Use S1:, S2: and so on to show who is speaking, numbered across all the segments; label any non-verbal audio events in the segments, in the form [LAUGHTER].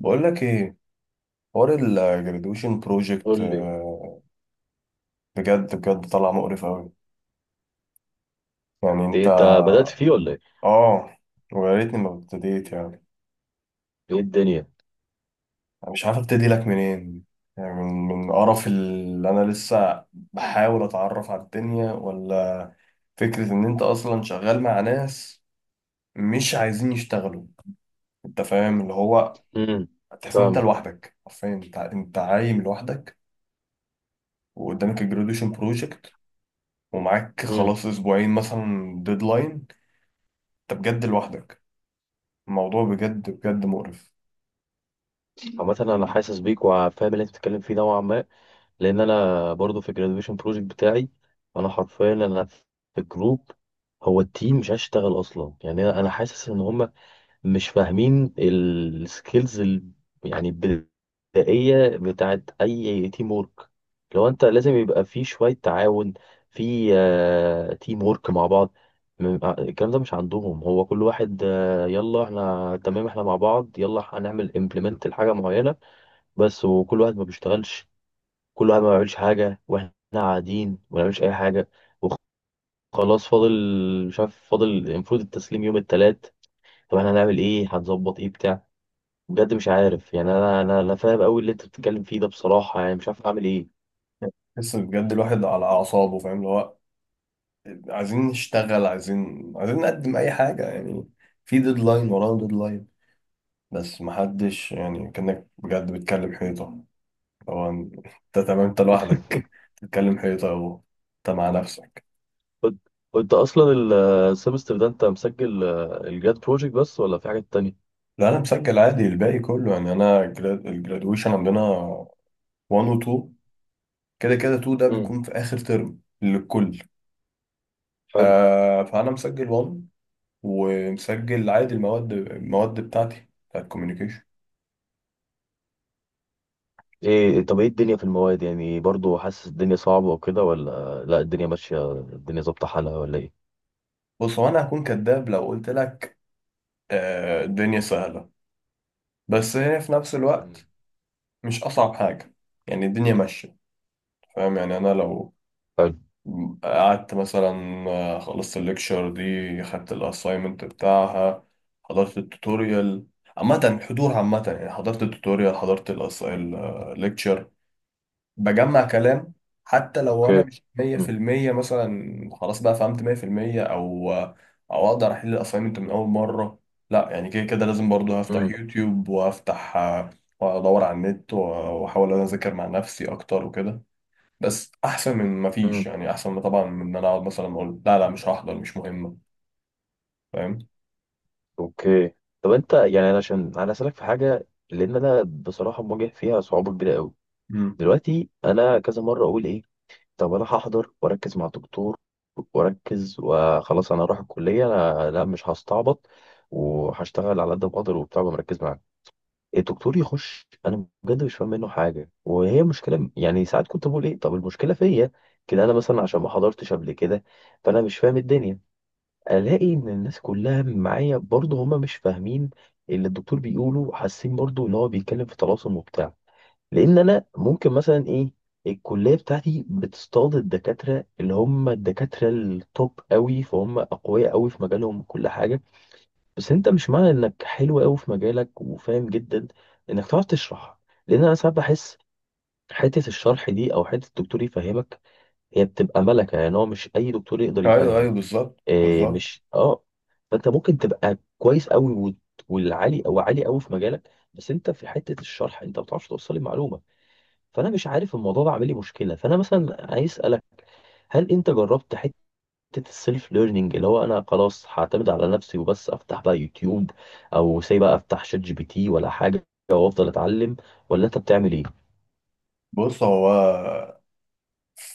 S1: بقول لك ايه، حوار الجراديويشن
S2: قول
S1: بروجكت
S2: لي
S1: بجد بجد طلع مقرف قوي. يعني
S2: إيه
S1: انت؟
S2: انت بدأت فيه ولا ايه؟
S1: اه، ويا ريتني ما ابتديت يعني.
S2: ايه الدنيا؟
S1: انا مش عارف ابتدي لك منين، يعني من قرف اللي انا لسه بحاول اتعرف على الدنيا، ولا فكرة ان انت اصلا شغال مع ناس مش عايزين يشتغلوا. انت فاهم اللي هو،
S2: امم.
S1: تحس ان انت
S2: فاهمك.
S1: لوحدك حرفيا، انت عايم لوحدك وقدامك الجراديويشن بروجكت، ومعاك
S2: امم.
S1: خلاص اسبوعين مثلا ديدلاين. انت بجد لوحدك، الموضوع بجد بجد مقرف.
S2: عامة انا حاسس بيك وفاهم اللي انت بتتكلم فيه نوعا ما، لان انا برضو في الجراديويشن بروجكت بتاعي. انا حرفيا انا في الجروب، هو التيم مش عايز يشتغل اصلا. يعني انا حاسس ان هم مش فاهمين السكيلز، يعني البدائية بتاعت أي تيم وورك. لو أنت لازم يبقى في شوية تعاون، في تيم وورك مع بعض. الكلام ده مش عندهم. هو كل واحد يلا احنا تمام، احنا مع بعض يلا هنعمل امبلمنت لحاجة معينة بس، وكل واحد ما بيشتغلش. كل واحد ما بيعملش حاجة واحنا قاعدين ما بنعملش أي حاجة. وخلاص فاضل، مش عارف فاضل، المفروض التسليم يوم التلات. طب احنا هنعمل ايه؟ هنظبط ايه بتاع؟ بجد مش عارف. يعني انا فاهم قوي اللي انت بتتكلم فيه ده، بصراحه يعني مش عارف اعمل ايه.
S1: تحس بجد الواحد على اعصابه، فاهم اللي هو. عايزين نشتغل، عايزين نقدم اي حاجه، يعني في ديدلاين وراه ديدلاين بس محدش. يعني كانك بجد بتكلم حيطه. هو انت، تمام، انت لوحدك
S2: [LAUGHS]
S1: بتتكلم حيطه اهو، انت مع نفسك.
S2: قلت قلت اصلا السمستر ده انت مسجل الجاد بروجكت بس، ولا في حاجات تانية؟
S1: لا، انا مسجل عادي الباقي كله. يعني انا الجرادويشن عندنا 1 و 2، كده كده 2 ده
S2: امم.
S1: بيكون في اخر ترم للكل.
S2: حلو.
S1: فانا مسجل 1، ومسجل عادي المواد بتاعتي بتاعت الكوميونيكيشن.
S2: ايه طب ايه الدنيا في المواد؟ يعني برضو حاسس الدنيا صعبه وكده، ولا لا الدنيا ماشيه الدنيا ظابطه حالها ولا ايه؟
S1: بص، هو انا هكون كداب لو قلت لك آه الدنيا سهله، بس هي في نفس
S2: مم.
S1: الوقت مش اصعب حاجه، يعني الدنيا ماشيه. فاهم؟ يعني انا لو
S2: حلو.
S1: قعدت مثلا، خلصت الليكشر دي، خدت الاساينمنت بتاعها، حضرت التوتوريال. عامة حضور، عامة، يعني حضرت التوتوريال، حضرت الليكتشر، بجمع كلام، حتى لو انا
S2: اوكي.
S1: مش
S2: مم.
S1: 100% مثلا خلاص بقى فهمت 100%، او او اقدر احل الاساينمنت من اول مره. لا، يعني كده كده لازم برضو هفتح
S2: مم.
S1: يوتيوب، وافتح وادور على النت، واحاول انا اذاكر مع نفسي اكتر وكده. بس احسن من ما فيش،
S2: مم.
S1: يعني احسن من، طبعا، من ان انا اقعد مثلا اقول لا، لا مش هحضر مش مهمه. فاهم؟
S2: اوكي. طب انت يعني، انا عشان انا اسالك في حاجه، لان انا بصراحه مواجه فيها صعوبه كبيره قوي.
S1: امم،
S2: دلوقتي انا كذا مره اقول ايه، طب انا هحضر واركز مع الدكتور واركز وخلاص. انا هروح الكليه، لا، لا مش هستعبط، وهشتغل على قد ما اقدر وبتاع ومركز معاه. الدكتور يخش انا بجد مش فاهم منه حاجه، وهي مشكله. يعني ساعات كنت بقول ايه، طب المشكله فيا كده؟ انا مثلا عشان ما حضرتش قبل كده فانا مش فاهم الدنيا. الاقي ان الناس كلها معايا برضه هما مش فاهمين اللي الدكتور بيقوله، حاسين برضه ان هو بيتكلم في طلاسم وبتاع. لان انا ممكن مثلا ايه، الكليه بتاعتي بتصطاد الدكاتره اللي هم الدكاتره التوب قوي، فهم اقوياء قوي في مجالهم كل حاجه. بس انت مش معنى انك حلو قوي في مجالك وفاهم جدا انك تعرف تشرح. لان انا ساعات بحس حته الشرح دي او حته الدكتور يفهمك، هي بتبقى ملكه. يعني هو مش اي دكتور يقدر
S1: ايوه ايوه،
S2: يفهم.
S1: بالظبط
S2: إيه
S1: بالظبط.
S2: مش اه. فانت ممكن تبقى كويس قوي والعالي او عالي قوي في مجالك، بس انت في حته الشرح انت ما بتعرفش توصل المعلومه. فانا مش عارف، الموضوع ده عامل لي مشكله. فانا مثلا عايز اسالك، هل انت جربت حته السيلف ليرنينج، اللي هو انا خلاص هعتمد على نفسي وبس افتح بقى يوتيوب، او سي بقى افتح شات جي بي تي ولا حاجه وافضل اتعلم، ولا انت بتعمل ايه؟
S1: بص هو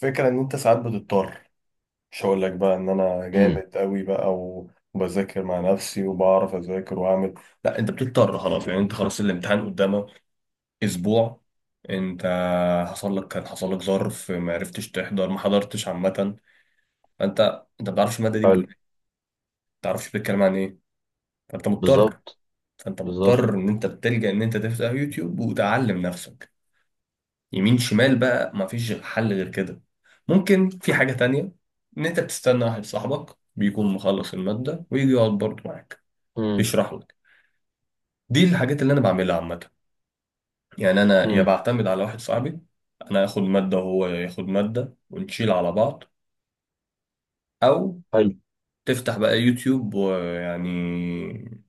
S1: فكرة ان انت ساعات بتضطر، مش هقول لك بقى ان انا
S2: امم.
S1: جامد قوي بقى وبذاكر مع نفسي وبعرف اذاكر واعمل. لا، انت بتضطر خلاص، يعني انت خلاص الامتحان قدامك اسبوع. انت، حصل لك كان حصل لك ظرف ما عرفتش تحضر، ما حضرتش عامه. فانت ما بتعرفش الماده دي
S2: حلو.
S1: بتقول ايه، ما بتعرفش بتتكلم عن ايه. فانت مضطر
S2: بالظبط.
S1: فانت
S2: بالظبط.
S1: مضطر ان انت بتلجأ ان انت تفتح يوتيوب وتعلم نفسك يمين شمال بقى، مفيش غير حل غير كده. ممكن في حاجة تانية، إن أنت بتستنى واحد صاحبك بيكون مخلص المادة ويجي يقعد برضه معاك
S2: امم.
S1: يشرح لك. دي الحاجات اللي أنا بعملها عامة. يعني أنا يا
S2: امم.
S1: بعتمد على واحد صاحبي، أنا آخد مادة وهو ياخد مادة ونشيل على بعض، أو
S2: حلو.
S1: تفتح بقى يوتيوب ويعني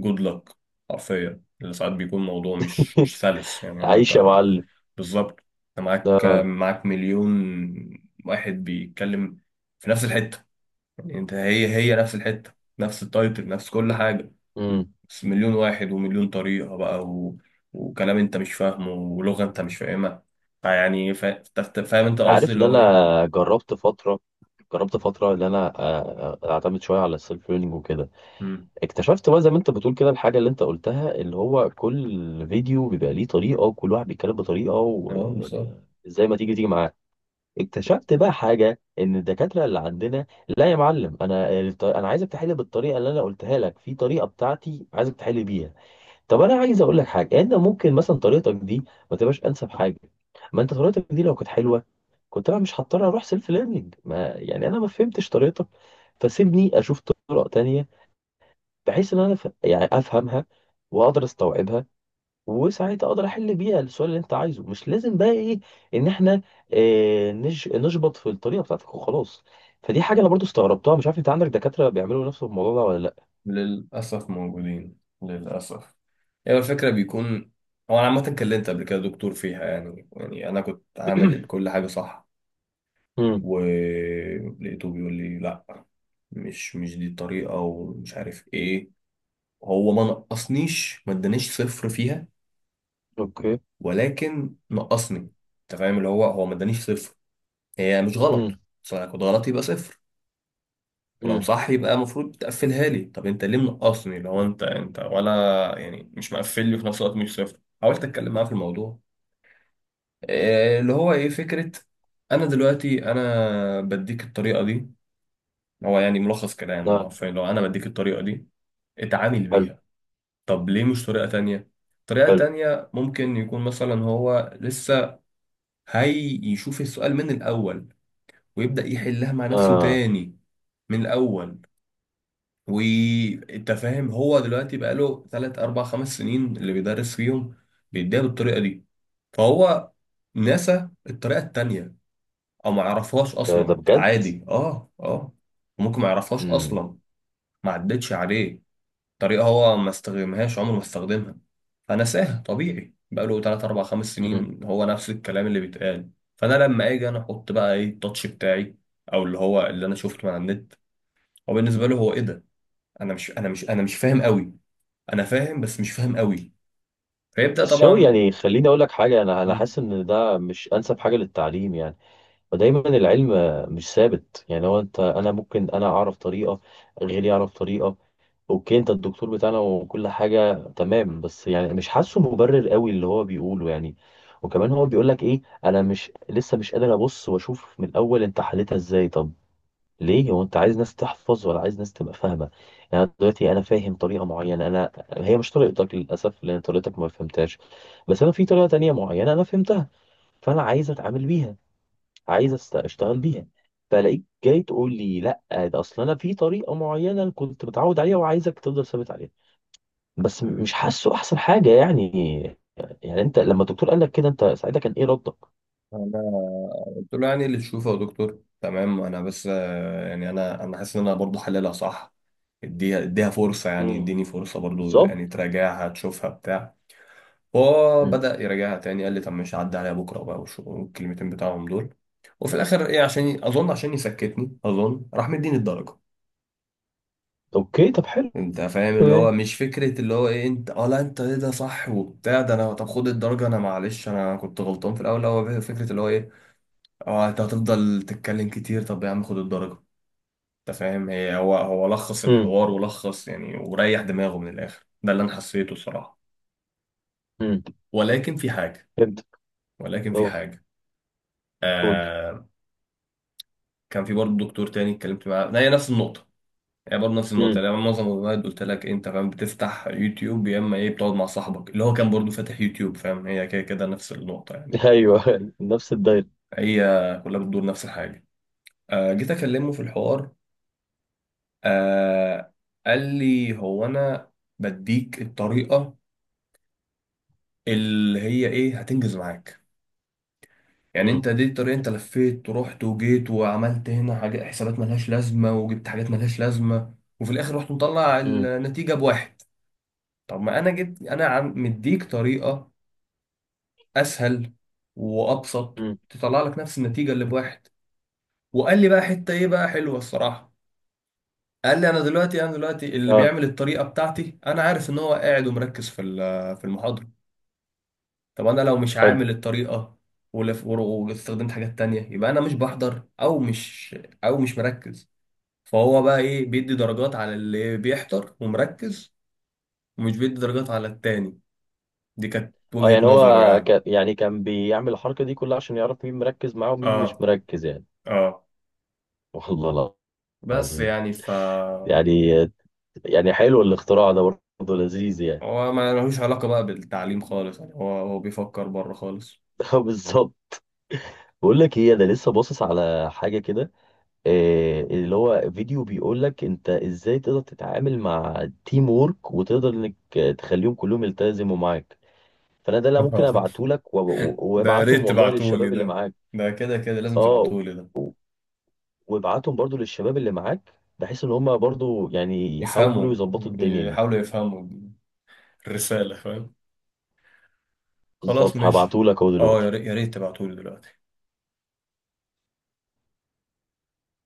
S1: جود لك. حرفيا اللي ساعات بيكون موضوع مش
S2: [LAUGHS]
S1: سلس، يعني هو
S2: عايش يا
S1: انت
S2: معلم.
S1: بالظبط، انت معاك
S2: ده.
S1: معاك مليون واحد بيتكلم في نفس الحتة. يعني انت هي نفس الحتة، نفس التايتل، نفس كل حاجة،
S2: امم.
S1: بس مليون واحد ومليون طريقة بقى، و... وكلام انت مش فاهمه، ولغة انت مش فاهمها. فيعني فاهم انت
S2: انت
S1: قصدي
S2: عارف ان
S1: اللي هو ايه؟
S2: انا جربت فتره، جربت فتره ان انا اعتمد شويه على السيلف ليرنينج وكده.
S1: امم،
S2: اكتشفت بقى زي ما انت بتقول كده الحاجة اللي انت قلتها، اللي هو كل فيديو بيبقى ليه طريقة وكل واحد بيتكلم بطريقة،
S1: اه بالظبط.
S2: وزي [LAUGHS] ما تيجي تيجي معاه. اكتشفت بقى حاجة ان الدكاترة اللي عندنا، لا يا معلم انا انا عايزك تحل بالطريقة اللي انا قلتها لك، في طريقة بتاعتي عايزك تحل بيها. طب انا عايز اقول لك حاجة، انت ممكن مثلا طريقتك دي ما تبقاش انسب حاجة. ما انت طريقتك دي لو كانت حلوة كنت انا مش هضطر اروح سيلف ليرنينج. ما يعني انا ما فهمتش طريقتك، فسيبني اشوف طرق تانية بحيث ان انا يعني افهمها واقدر استوعبها، وساعتها اقدر احل بيها السؤال اللي انت عايزه. مش لازم بقى ايه ان احنا نشبط في الطريقه بتاعتك وخلاص. فدي حاجه انا برضو استغربتها. مش عارف انت عندك دكاتره بيعملوا نفس الموضوع ده ولا لا؟
S1: للأسف موجودين، للأسف. هي الفكرة بيكون، هو أنا عامة اتكلمت قبل كده دكتور فيها. يعني أنا كنت عامل كل حاجة صح،
S2: امم.
S1: ولقيته بيقول لي لأ، مش دي الطريقة ومش عارف إيه. هو ما نقصنيش، ما ادانيش صفر فيها،
S2: اوكي.
S1: ولكن نقصني. أنت فاهم اللي هو، ما ادانيش صفر، هي مش غلط،
S2: امم.
S1: بس أنا كنت غلط يبقى صفر، ولو
S2: امم.
S1: صح يبقى المفروض تقفلها لي. طب أنت ليه منقصني لو أنت ولا، يعني مش مقفل لي في نفس الوقت مش صفر. حاولت أتكلم معاه في الموضوع، اللي هو ايه فكرة، انا دلوقتي بديك الطريقة دي. هو يعني ملخص كلامه
S2: لا.
S1: حرفيا، لو انا بديك الطريقة دي اتعامل
S2: حلو.
S1: بيها، طب ليه مش طريقة تانية؟ طريقة
S2: حلو.
S1: تانية ممكن يكون مثلا هو لسه هي يشوف السؤال من الاول، ويبدأ يحلها مع نفسه
S2: اه.
S1: تاني من الاول. وانت فاهم، هو دلوقتي بقاله 3 4 5 سنين اللي بيدرس فيهم بيديها بالطريقة دي، فهو نسى الطريقة التانية، او ما يعرفهاش
S2: ده
S1: اصلا،
S2: بجد.
S1: عادي. اه، ممكن ما يعرفهاش
S2: امم.
S1: اصلا، ما عدتش عليه. طريقه هو ما استخدمهاش عمره ما استخدمها فنساها، طبيعي بقاله 3 4 5
S2: امم.
S1: سنين هو نفس الكلام اللي بيتقال. فانا لما اجي انا احط بقى ايه التاتش بتاعي، او اللي هو اللي انا شفته من على النت، هو بالنسبه له هو ايه ده. انا مش فاهم قوي، انا فاهم بس مش فاهم قوي، فيبدا
S2: بس شوي،
S1: طبعا.
S2: يعني خليني اقول لك حاجه، انا انا
S1: مم.
S2: حاسس ان ده مش انسب حاجه للتعليم يعني. فدايما العلم مش ثابت. يعني هو انت انا ممكن انا اعرف طريقه، غيري يعرف طريقه. اوكي انت الدكتور بتاعنا وكل حاجه تمام، بس يعني مش حاسه مبرر قوي اللي هو بيقوله يعني. وكمان هو بيقول لك ايه، انا مش لسه مش قادر ابص واشوف من الاول انت حلتها ازاي؟ طب ليه؟ هو انت عايز ناس تحفظ ولا عايز ناس تبقى فاهمه؟ يعني أنا دلوقتي انا فاهم طريقه معينه، انا هي مش طريقتك للاسف لان طريقتك ما فهمتهاش. بس انا في طريقه تانية معينه انا فهمتها، فانا عايز اتعامل بيها، عايز اشتغل بيها. فلاقيك جاي تقول لي لا، ده اصل انا في طريقه معينه كنت متعود عليها وعايزك تفضل ثابت عليها. بس مش حاسه احسن حاجه يعني. يعني انت لما الدكتور قال لك كده، انت ساعتها كان ايه ردك؟
S1: انا قلت له يعني اللي تشوفه يا دكتور تمام. انا بس يعني انا حاسس ان انا برضه حللها صح، اديها فرصة، يعني
S2: امم.
S1: اديني فرصة برضو،
S2: بالظبط.
S1: يعني تراجعها تشوفها بتاع. هو
S2: مم.
S1: بدأ يراجعها تاني، قال لي طب مش هعدي عليها بكرة بقى والكلمتين بتاعهم دول. وفي الآخر إيه، عشان أظن عشان يسكتني أظن راح مديني الدرجة.
S2: اوكي طب حلو.
S1: أنت فاهم اللي هو،
S2: يعني.
S1: مش فكرة اللي هو إيه أنت، أه لا أنت إيه ده صح وبتاع، ده أنا طب خد الدرجة، أنا معلش أنا كنت غلطان في الأول. هو فكرة اللي هو إيه، أه أنت هتفضل تتكلم كتير، طب يا عم خد الدرجة. أنت فاهم، هي هو هو لخص
S2: امم.
S1: الحوار ولخص، يعني وريح دماغه من الآخر. ده اللي أنا حسيته الصراحة.
S2: امم.
S1: ولكن في حاجة،
S2: فهمت.
S1: ولكن في
S2: اه.
S1: حاجة،
S2: قول لي.
S1: آه. كان في برضه دكتور تاني اتكلمت معاه، هي نفس النقطة، هي برضه نفس النقطة.
S2: امم.
S1: يعني أنا معظم الوقت قلت لك إيه، انت فاهم بتفتح يوتيوب يا اما ايه بتقعد مع صاحبك اللي هو كان برضه فاتح يوتيوب، فاهم، هي كده كده نفس النقطة. يعني
S2: ايوه. [LAUGHS] نفس الدايره.
S1: هي كلها بتدور نفس الحاجة. آه جيت اكلمه في الحوار، آه قال لي هو انا بديك الطريقة اللي هي ايه هتنجز معاك. يعني
S2: امم.
S1: انت دي الطريقة، انت لفيت ورحت وجيت وعملت هنا حاجات، حسابات ملهاش لازمة، وجبت حاجات ملهاش لازمة، وفي الاخر رحت مطلع
S2: امم.
S1: النتيجة بواحد. طب ما انا جبت، انا عم مديك طريقة اسهل وابسط
S2: امم.
S1: تطلع لك نفس النتيجة اللي بواحد. وقال لي بقى حتة ايه بقى حلوة الصراحة، قال لي انا دلوقتي اللي
S2: اه.
S1: بيعمل الطريقة بتاعتي انا عارف ان هو قاعد ومركز في في المحاضرة. طب انا لو مش
S2: حلو.
S1: عامل الطريقه واستخدمت حاجات تانية، يبقى انا مش بحضر، او مش مركز. فهو بقى ايه بيدي درجات على اللي بيحضر ومركز، ومش بيدي درجات على التاني. دي كانت
S2: اه يعني
S1: وجهة
S2: هو
S1: نظره يعني.
S2: كان، يعني كان بيعمل الحركه دي كلها عشان يعرف مين مركز معاه ومين
S1: اه
S2: مش مركز يعني؟
S1: اه،
S2: والله.
S1: بس
S2: عظيم.
S1: يعني ف،
S2: يعني. يعني حلو الاختراع ده برضه لذيذ يعني.
S1: هو ما لهوش علاقة بقى بالتعليم خالص، يعني هو بيفكر بره خالص.
S2: [LAUGHS] بالظبط. بقول لك ايه، انا لسه باصص على حاجه كده اللي هو فيديو بيقول لك انت ازاي تقدر تتعامل مع تيم وورك، وتقدر انك تخليهم كلهم يلتزموا معاك. فانا ده اللي ممكن ابعته
S1: [LAUGHS]
S2: لك
S1: ده يا
S2: وابعتهم
S1: ريت
S2: والله
S1: تبعتولي
S2: للشباب اللي
S1: ده،
S2: معاك.
S1: ده كده كده لازم
S2: اه،
S1: تبعتولي ده.
S2: وابعتهم برضو للشباب اللي معاك بحيث ان هم برضو يعني يحاولوا
S1: يفهموا،
S2: يظبطوا الدنيا دي.
S1: يحاولوا يفهموا الرسالة، فاهم، خلاص
S2: بالظبط،
S1: ماشي.
S2: هبعته لك اهو
S1: اه يا
S2: دلوقتي.
S1: ريت تبعتولي دلوقتي.